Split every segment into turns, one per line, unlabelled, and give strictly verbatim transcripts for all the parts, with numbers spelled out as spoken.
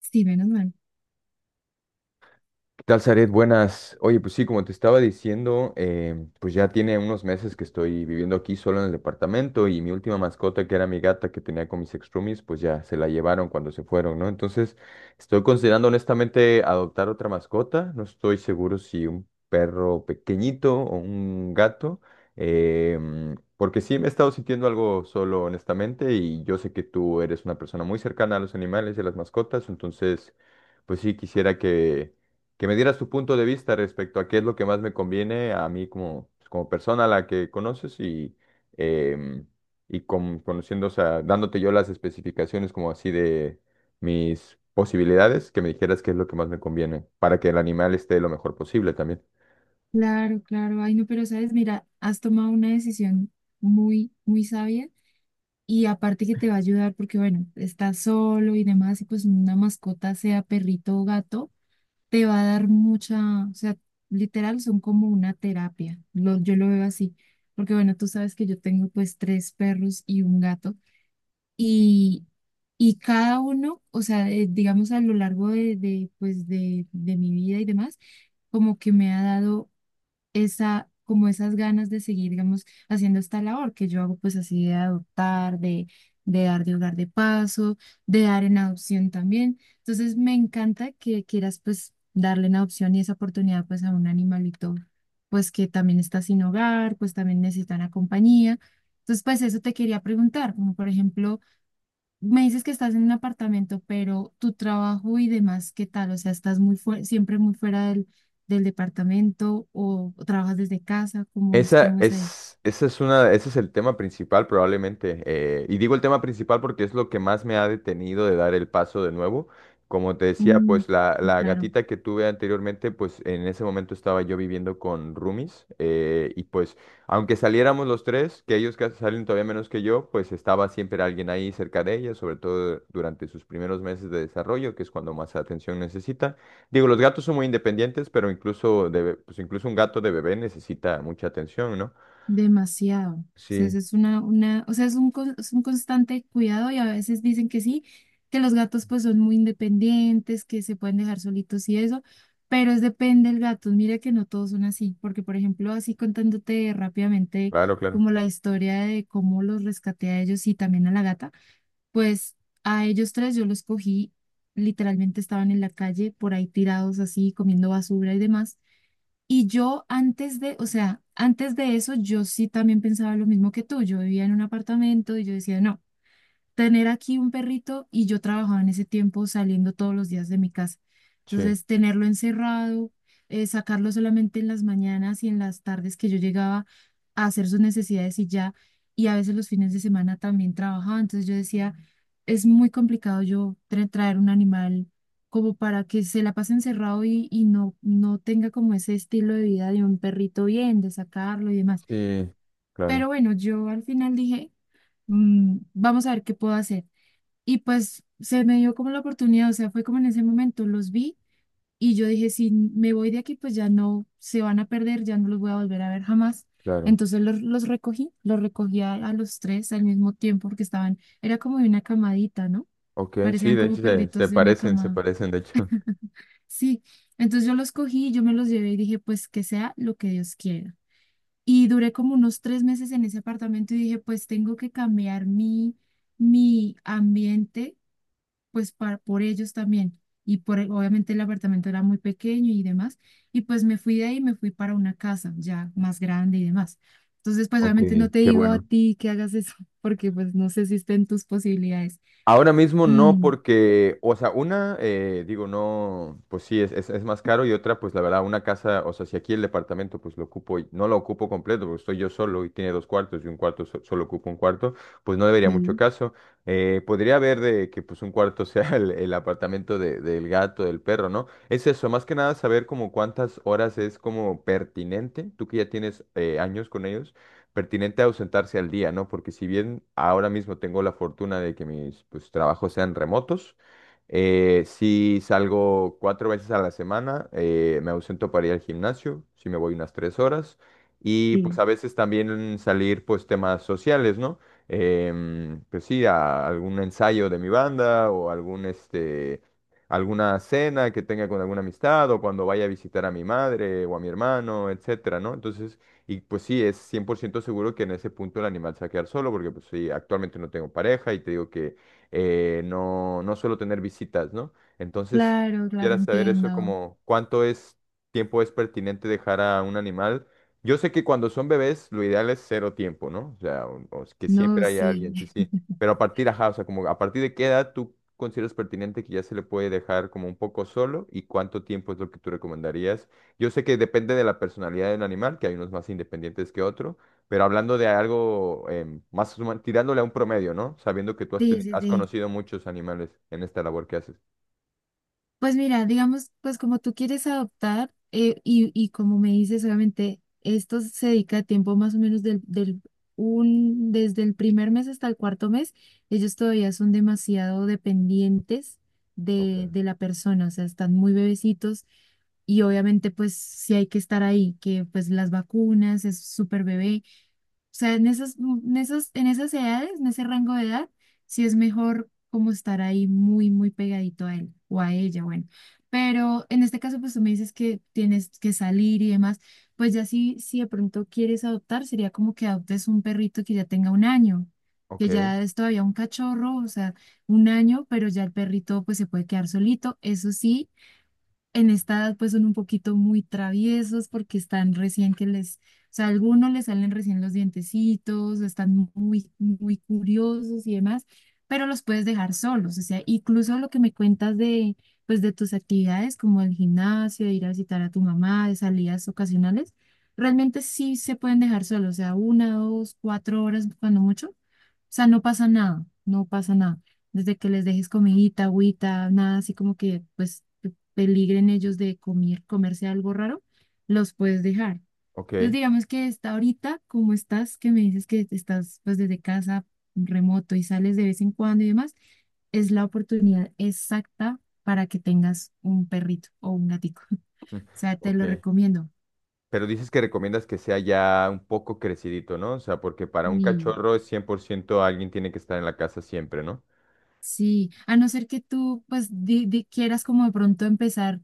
Sí, menos mal.
¿Qué tal, Zaret? Buenas. Oye, pues sí, como te estaba diciendo, eh, pues ya tiene unos meses que estoy viviendo aquí solo en el departamento y mi última mascota, que era mi gata que tenía con mis extrumis, pues ya se la llevaron cuando se fueron, ¿no? Entonces, estoy considerando honestamente adoptar otra mascota. No estoy seguro si un perro pequeñito o un gato, em, porque sí me he estado sintiendo algo solo, honestamente, y yo sé que tú eres una persona muy cercana a los animales y a las mascotas, entonces, pues sí quisiera que que me dieras tu punto de vista respecto a qué es lo que más me conviene a mí como, pues, como persona a la que conoces y, em, y con- conociendo, o sea, dándote yo las especificaciones como así de mis posibilidades, que me dijeras qué es lo que más me conviene para que el animal esté lo mejor posible también.
Claro, claro. Ay, no, pero sabes, mira, has tomado una decisión muy, muy sabia y aparte que te va a ayudar porque, bueno, estás solo y demás y pues una mascota, sea perrito o gato, te va a dar mucha, o sea, literal son como una terapia. Lo, yo lo veo así, porque, bueno, tú sabes que yo tengo pues tres perros y un gato y, y cada uno, o sea, eh, digamos a lo largo de, de, pues de, de mi vida y demás, como que me ha dado esa, como esas ganas de seguir, digamos, haciendo esta labor que yo hago, pues así de adoptar, de, de dar de hogar de paso, de dar en adopción también. Entonces, me encanta que quieras, pues, darle en adopción y esa oportunidad, pues, a un animalito, pues, que también está sin hogar, pues, también necesita una compañía. Entonces, pues, eso te quería preguntar, como por ejemplo me dices que estás en un apartamento, pero tu trabajo y demás, ¿qué tal? O sea, ¿estás muy fue- siempre muy fuera del, del departamento o, o trabajas desde casa? ¿Cómo es?
Esa
¿Cómo es ahí?
es, esa es una, ese es el tema principal probablemente. Eh, y digo el tema principal porque es lo que más me ha detenido de dar el paso de nuevo. Como te decía,
Mm,
pues la,
sí,
la
claro.
gatita que tuve anteriormente, pues en ese momento estaba yo viviendo con roomies. Eh, y pues aunque saliéramos los tres, que ellos casi salen todavía menos que yo, pues estaba siempre alguien ahí cerca de ella, sobre todo durante sus primeros meses de desarrollo, que es cuando más atención necesita. Digo, los gatos son muy independientes, pero incluso, de, be- pues incluso un gato de bebé necesita mucha atención, ¿no?
Demasiado. O sea, eso
Sí,
es una, una, o sea, es un, con- es un constante cuidado y a veces dicen que sí, que los gatos pues son muy independientes, que se pueden dejar solitos y eso, pero es depende del gato. Mira que no todos son así, porque por ejemplo, así contándote rápidamente
claro, claro.
como la historia de cómo los rescaté a ellos y también a la gata, pues a ellos tres yo los cogí, literalmente estaban en la calle por ahí tirados así, comiendo basura y demás. Y yo antes de, o sea, antes de eso, yo sí también pensaba lo mismo que tú. Yo vivía en un apartamento y yo decía, no tener aquí un perrito y yo trabajaba en ese tiempo saliendo todos los días de mi casa.
Sí,
Entonces, tenerlo encerrado, eh, sacarlo solamente en las mañanas y en las tardes que yo llegaba a hacer sus necesidades y ya, y a veces los fines de semana también trabajaba. Entonces yo decía, es muy complicado yo tra- traer un animal como para que se la pase encerrado y, y no, no tenga como ese estilo de vida de un perrito bien, de sacarlo y demás.
sí, claro,
Pero bueno, yo al final dije, "Mm, vamos a ver qué puedo hacer." Y pues se me dio como la oportunidad, o sea, fue como en ese momento los vi y yo dije, si me voy de aquí, pues ya no se van a perder, ya no los voy a volver a ver jamás.
claro.
Entonces los, los recogí, los recogí a, a los tres al mismo tiempo porque estaban, era como de una camadita, ¿no?
Ok, sí,
Parecían
de
como
hecho se, se
perritos de una
parecen, se
camada.
parecen, de hecho.
Sí, entonces yo los cogí, yo me los llevé y dije, pues que sea lo que Dios quiera. Y duré como unos tres meses en ese apartamento y dije, pues tengo que cambiar mi, mi ambiente pues para, por ellos también. Y por, el- obviamente el apartamento era muy pequeño y demás. Y pues me fui de ahí, me fui para una casa ya más grande y demás. Entonces, pues
Ok,
obviamente no te
qué
digo a
bueno.
ti que hagas eso, porque pues no sé si estén tus posibilidades.
Ahora mismo no,
Mm,
porque, o sea, una, eh, digo, no, pues sí, es, es, es más caro y otra, pues la verdad, una casa, o sea, si aquí el departamento, pues lo ocupo, y- no lo ocupo completo, porque estoy yo solo y tiene dos cuartos y un cuarto, so- solo ocupo un cuarto, pues no debería mucho
sí,
caso. Eh, podría haber de que pues un cuarto sea el, el apartamento de- del gato, del perro, ¿no? Es eso, más que nada saber como cuántas horas es como pertinente, tú que ya tienes eh, años con ellos pertinente ausentarse al día, ¿no? Porque si bien ahora mismo tengo la fortuna de que mis pues, trabajos sean remotos, eh, si salgo cuatro veces a la semana, eh, me ausento para ir al gimnasio, si me voy unas tres horas, y pues
sí.
a veces también salir pues temas sociales, ¿no? Em, pues sí, a algún ensayo de mi banda o algún este... alguna cena que tenga con alguna amistad o cuando vaya a visitar a mi madre o a mi hermano, etcétera, ¿no? Entonces, y pues sí, es cien por ciento seguro que en ese punto el animal se va a quedar solo, porque pues sí, actualmente no tengo pareja y te digo que eh, no, no suelo tener visitas, ¿no? Entonces,
Claro, claro,
quisiera saber eso
entiendo.
como cuánto es tiempo es pertinente dejar a un animal. Yo sé que cuando son bebés lo ideal es cero tiempo, ¿no? O sea, un- o que
No,
siempre haya
sí.
alguien, sí, sí. Pero a partir, ajá, o sea, como a partir de qué edad tú consideras pertinente que ya se le puede dejar como un poco solo y cuánto tiempo es lo que tú recomendarías yo sé que depende de la personalidad del animal, que hay unos más independientes que otros, pero hablando de algo em, más huma- tirándole a un promedio, ¿no? Sabiendo que tú has,
Sí,
teni-
sí,
has
sí.
conocido muchos animales en esta labor que haces.
Pues mira, digamos, pues como tú quieres adoptar eh, y, y como me dices, obviamente esto se dedica a tiempo más o menos del, del un, desde el primer mes hasta el cuarto mes, ellos todavía son demasiado dependientes
Ok,
de, de la persona, o sea, están muy bebecitos y obviamente pues sí hay que estar ahí, que pues las vacunas, es súper bebé. O sea, en esas, en esas, en esas edades, en ese rango de edad, sí es mejor como estar ahí muy, muy pegadito a él o a ella, bueno. Pero en este caso, pues tú me dices que tienes que salir y demás, pues ya si, si de pronto quieres adoptar, sería como que adoptes un perrito que ya tenga un año,
ok,
que ya es todavía un cachorro, o sea, un año, pero ya el perrito pues se puede quedar solito. Eso sí, en esta edad pues son un poquito muy traviesos porque están recién que les, o sea, a algunos les salen recién los dientecitos, están muy, muy curiosos y demás, pero los puedes dejar solos, o sea, incluso lo que me cuentas de, pues de tus actividades como el gimnasio, de ir a visitar a tu mamá, de salidas ocasionales, realmente sí se pueden dejar solos, o sea, una, dos, cuatro horas cuando mucho, o sea, no pasa nada, no pasa nada desde que les dejes comidita, agüita, nada así como que pues peligren ellos de comer, comerse algo raro, los puedes dejar. Entonces,
ok,
digamos que está ahorita, como estás, que me dices que estás pues desde casa remoto y sales de vez en cuando y demás, es la oportunidad exacta para que tengas un perrito o un gatico.
mm,
O sea, te
ok.
lo recomiendo.
Pero dices que recomiendas que sea ya un poco crecidito, ¿no? O sea, porque para un
Y
cachorro es cien por ciento alguien tiene que estar en la casa siempre, ¿no?
sí, a no ser que tú pues di- di- quieras como de pronto empezar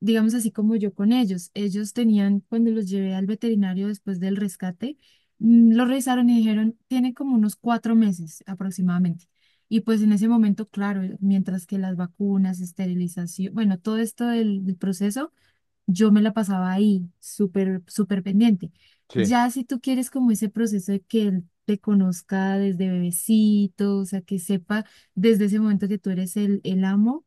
digamos así como yo con ellos. Ellos tenían, cuando los llevé al veterinario después del rescate, mm, los revisaron y dijeron, tienen como unos cuatro meses aproximadamente. Y pues en ese momento, claro, mientras que las vacunas, esterilización, bueno, todo esto del, del proceso, yo me la pasaba ahí, súper, súper pendiente.
Sí,
Ya si tú quieres como ese proceso de que él te conozca desde bebecito, o sea, que sepa desde ese momento que tú eres el, el amo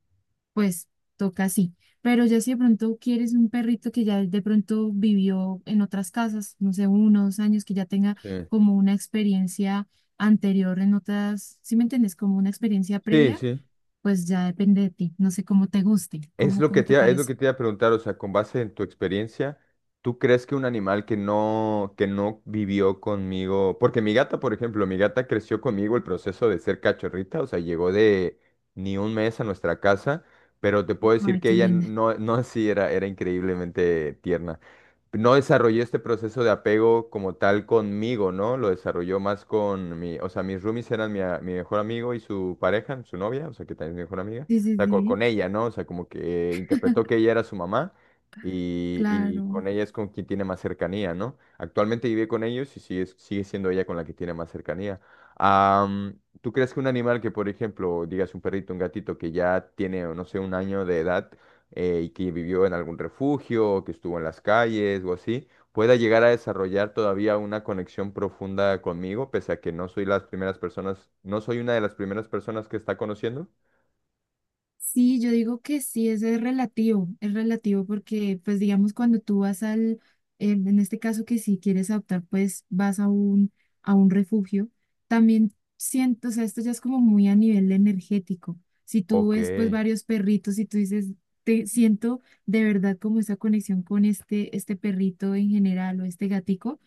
pues toca así. Pero ya si de pronto quieres un perrito que ya de pronto vivió en otras casas, no sé, uno o dos años, que ya tenga
sí.
como una experiencia anterior en otras, ¿sí me entiendes? Como una experiencia
Sí,
previa,
sí.
pues ya depende de ti. No sé cómo te guste,
Es
cómo,
lo que
cómo
te,
te
iba- es lo
parece.
que te iba a preguntar, o sea, con base en tu experiencia, ¿tú crees que un animal que no, que no vivió conmigo, porque mi gata, por ejemplo, mi gata creció conmigo el proceso de ser cachorrita, o sea, llegó de ni un mes a nuestra casa, pero te puedo decir
Ay,
que
qué
ella
linda.
no, no así era, era increíblemente tierna no desarrollé este proceso de apego como tal conmigo, ¿no? Lo desarrolló más con mi, o sea, mis roomies eran mi, a- mi mejor amigo y su pareja, su novia, o sea, que también es mi mejor amiga,
Sí,
o
sí,
sea, co-
sí,
con, ella, ¿no? O sea, como que interpretó que ella era su mamá y, y
claro.
con ella es con quien tiene más cercanía, ¿no? Actualmente vive con ellos y sigue, sigue siendo ella con la que tiene más cercanía. Am, ¿tú crees que un animal que, por ejemplo, digas un perrito, un gatito que ya tiene, no sé, un año de edad, eh, y que vivió en algún refugio, o que estuvo en las calles o así, pueda llegar a desarrollar todavía una conexión profunda conmigo, pese a que no soy las primeras personas, no soy una de las primeras personas que está conociendo.
Sí, yo digo que sí, eso es relativo, es relativo porque, pues digamos, cuando tú vas al, en en este caso que si quieres adoptar, pues vas a un, a un refugio, también siento, o sea, esto ya es como muy a nivel energético. Si tú
Ok.
ves, pues, varios perritos y tú dices, te siento de verdad como esa conexión con este, este perrito en general o este gatico,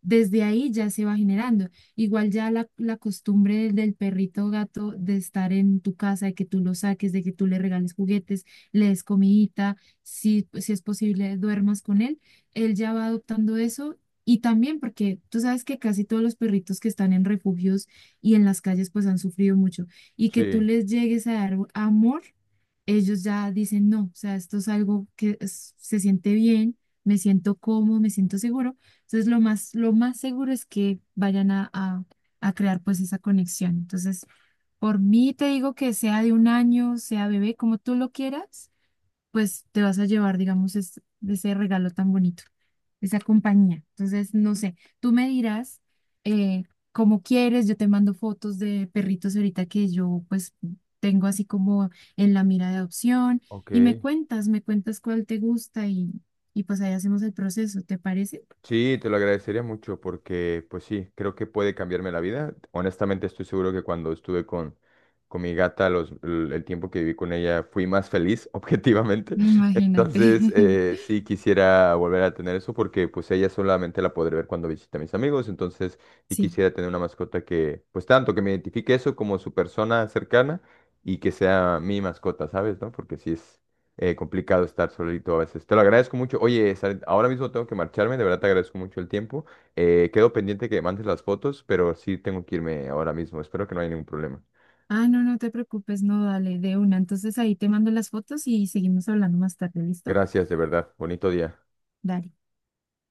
desde ahí ya se va generando. Igual ya la, la costumbre del, del perrito o gato de estar en tu casa, de que tú lo saques, de que tú le regales juguetes, le des comidita, si, si es posible duermas con él, él ya va adoptando eso. Y también porque tú sabes que casi todos los perritos que están en refugios y en las calles pues han sufrido mucho y que tú
Sí.
les llegues a dar amor, ellos ya dicen no, o sea, esto es algo que es- se siente bien, me siento cómodo, me siento seguro entonces, lo más, lo más seguro es que vayan a, a- a crear pues esa conexión. Entonces, por mí te digo que sea de un año, sea bebé, como tú lo quieras, pues te vas a llevar, digamos, es- ese regalo tan bonito, esa compañía. Entonces, no sé, tú me dirás eh, cómo quieres, yo te mando fotos de perritos ahorita que yo pues tengo así como en la mira de adopción
Ok.
y me cuentas, me cuentas cuál te gusta y, y pues ahí hacemos el proceso, ¿te parece?
Sí, te lo agradecería mucho porque, pues sí, creo que puede cambiarme la vida. Honestamente, estoy seguro que cuando estuve con, con mi gata, los, l- el tiempo que viví con ella, fui más feliz, objetivamente.
Imagínate.
Entonces, eh, sí quisiera volver a tener eso porque, pues, ella solamente la podré ver cuando visite a mis amigos. Entonces, y
Sí.
quisiera tener una mascota que, pues, tanto que me identifique eso como su persona cercana y que sea mi mascota, ¿sabes? ¿No? Porque sí es eh, complicado estar solito a veces. Te lo agradezco mucho. Oye, Saret, ahora mismo tengo que marcharme, de verdad te agradezco mucho el tiempo. Eh, quedo pendiente que me mandes las fotos, pero sí tengo que irme ahora mismo. Espero que no haya ningún problema.
Ah, no, no te preocupes, no, dale, de una. Entonces ahí te mando las fotos y seguimos hablando más tarde, ¿listo?
Gracias, de verdad. Bonito día.
Dale.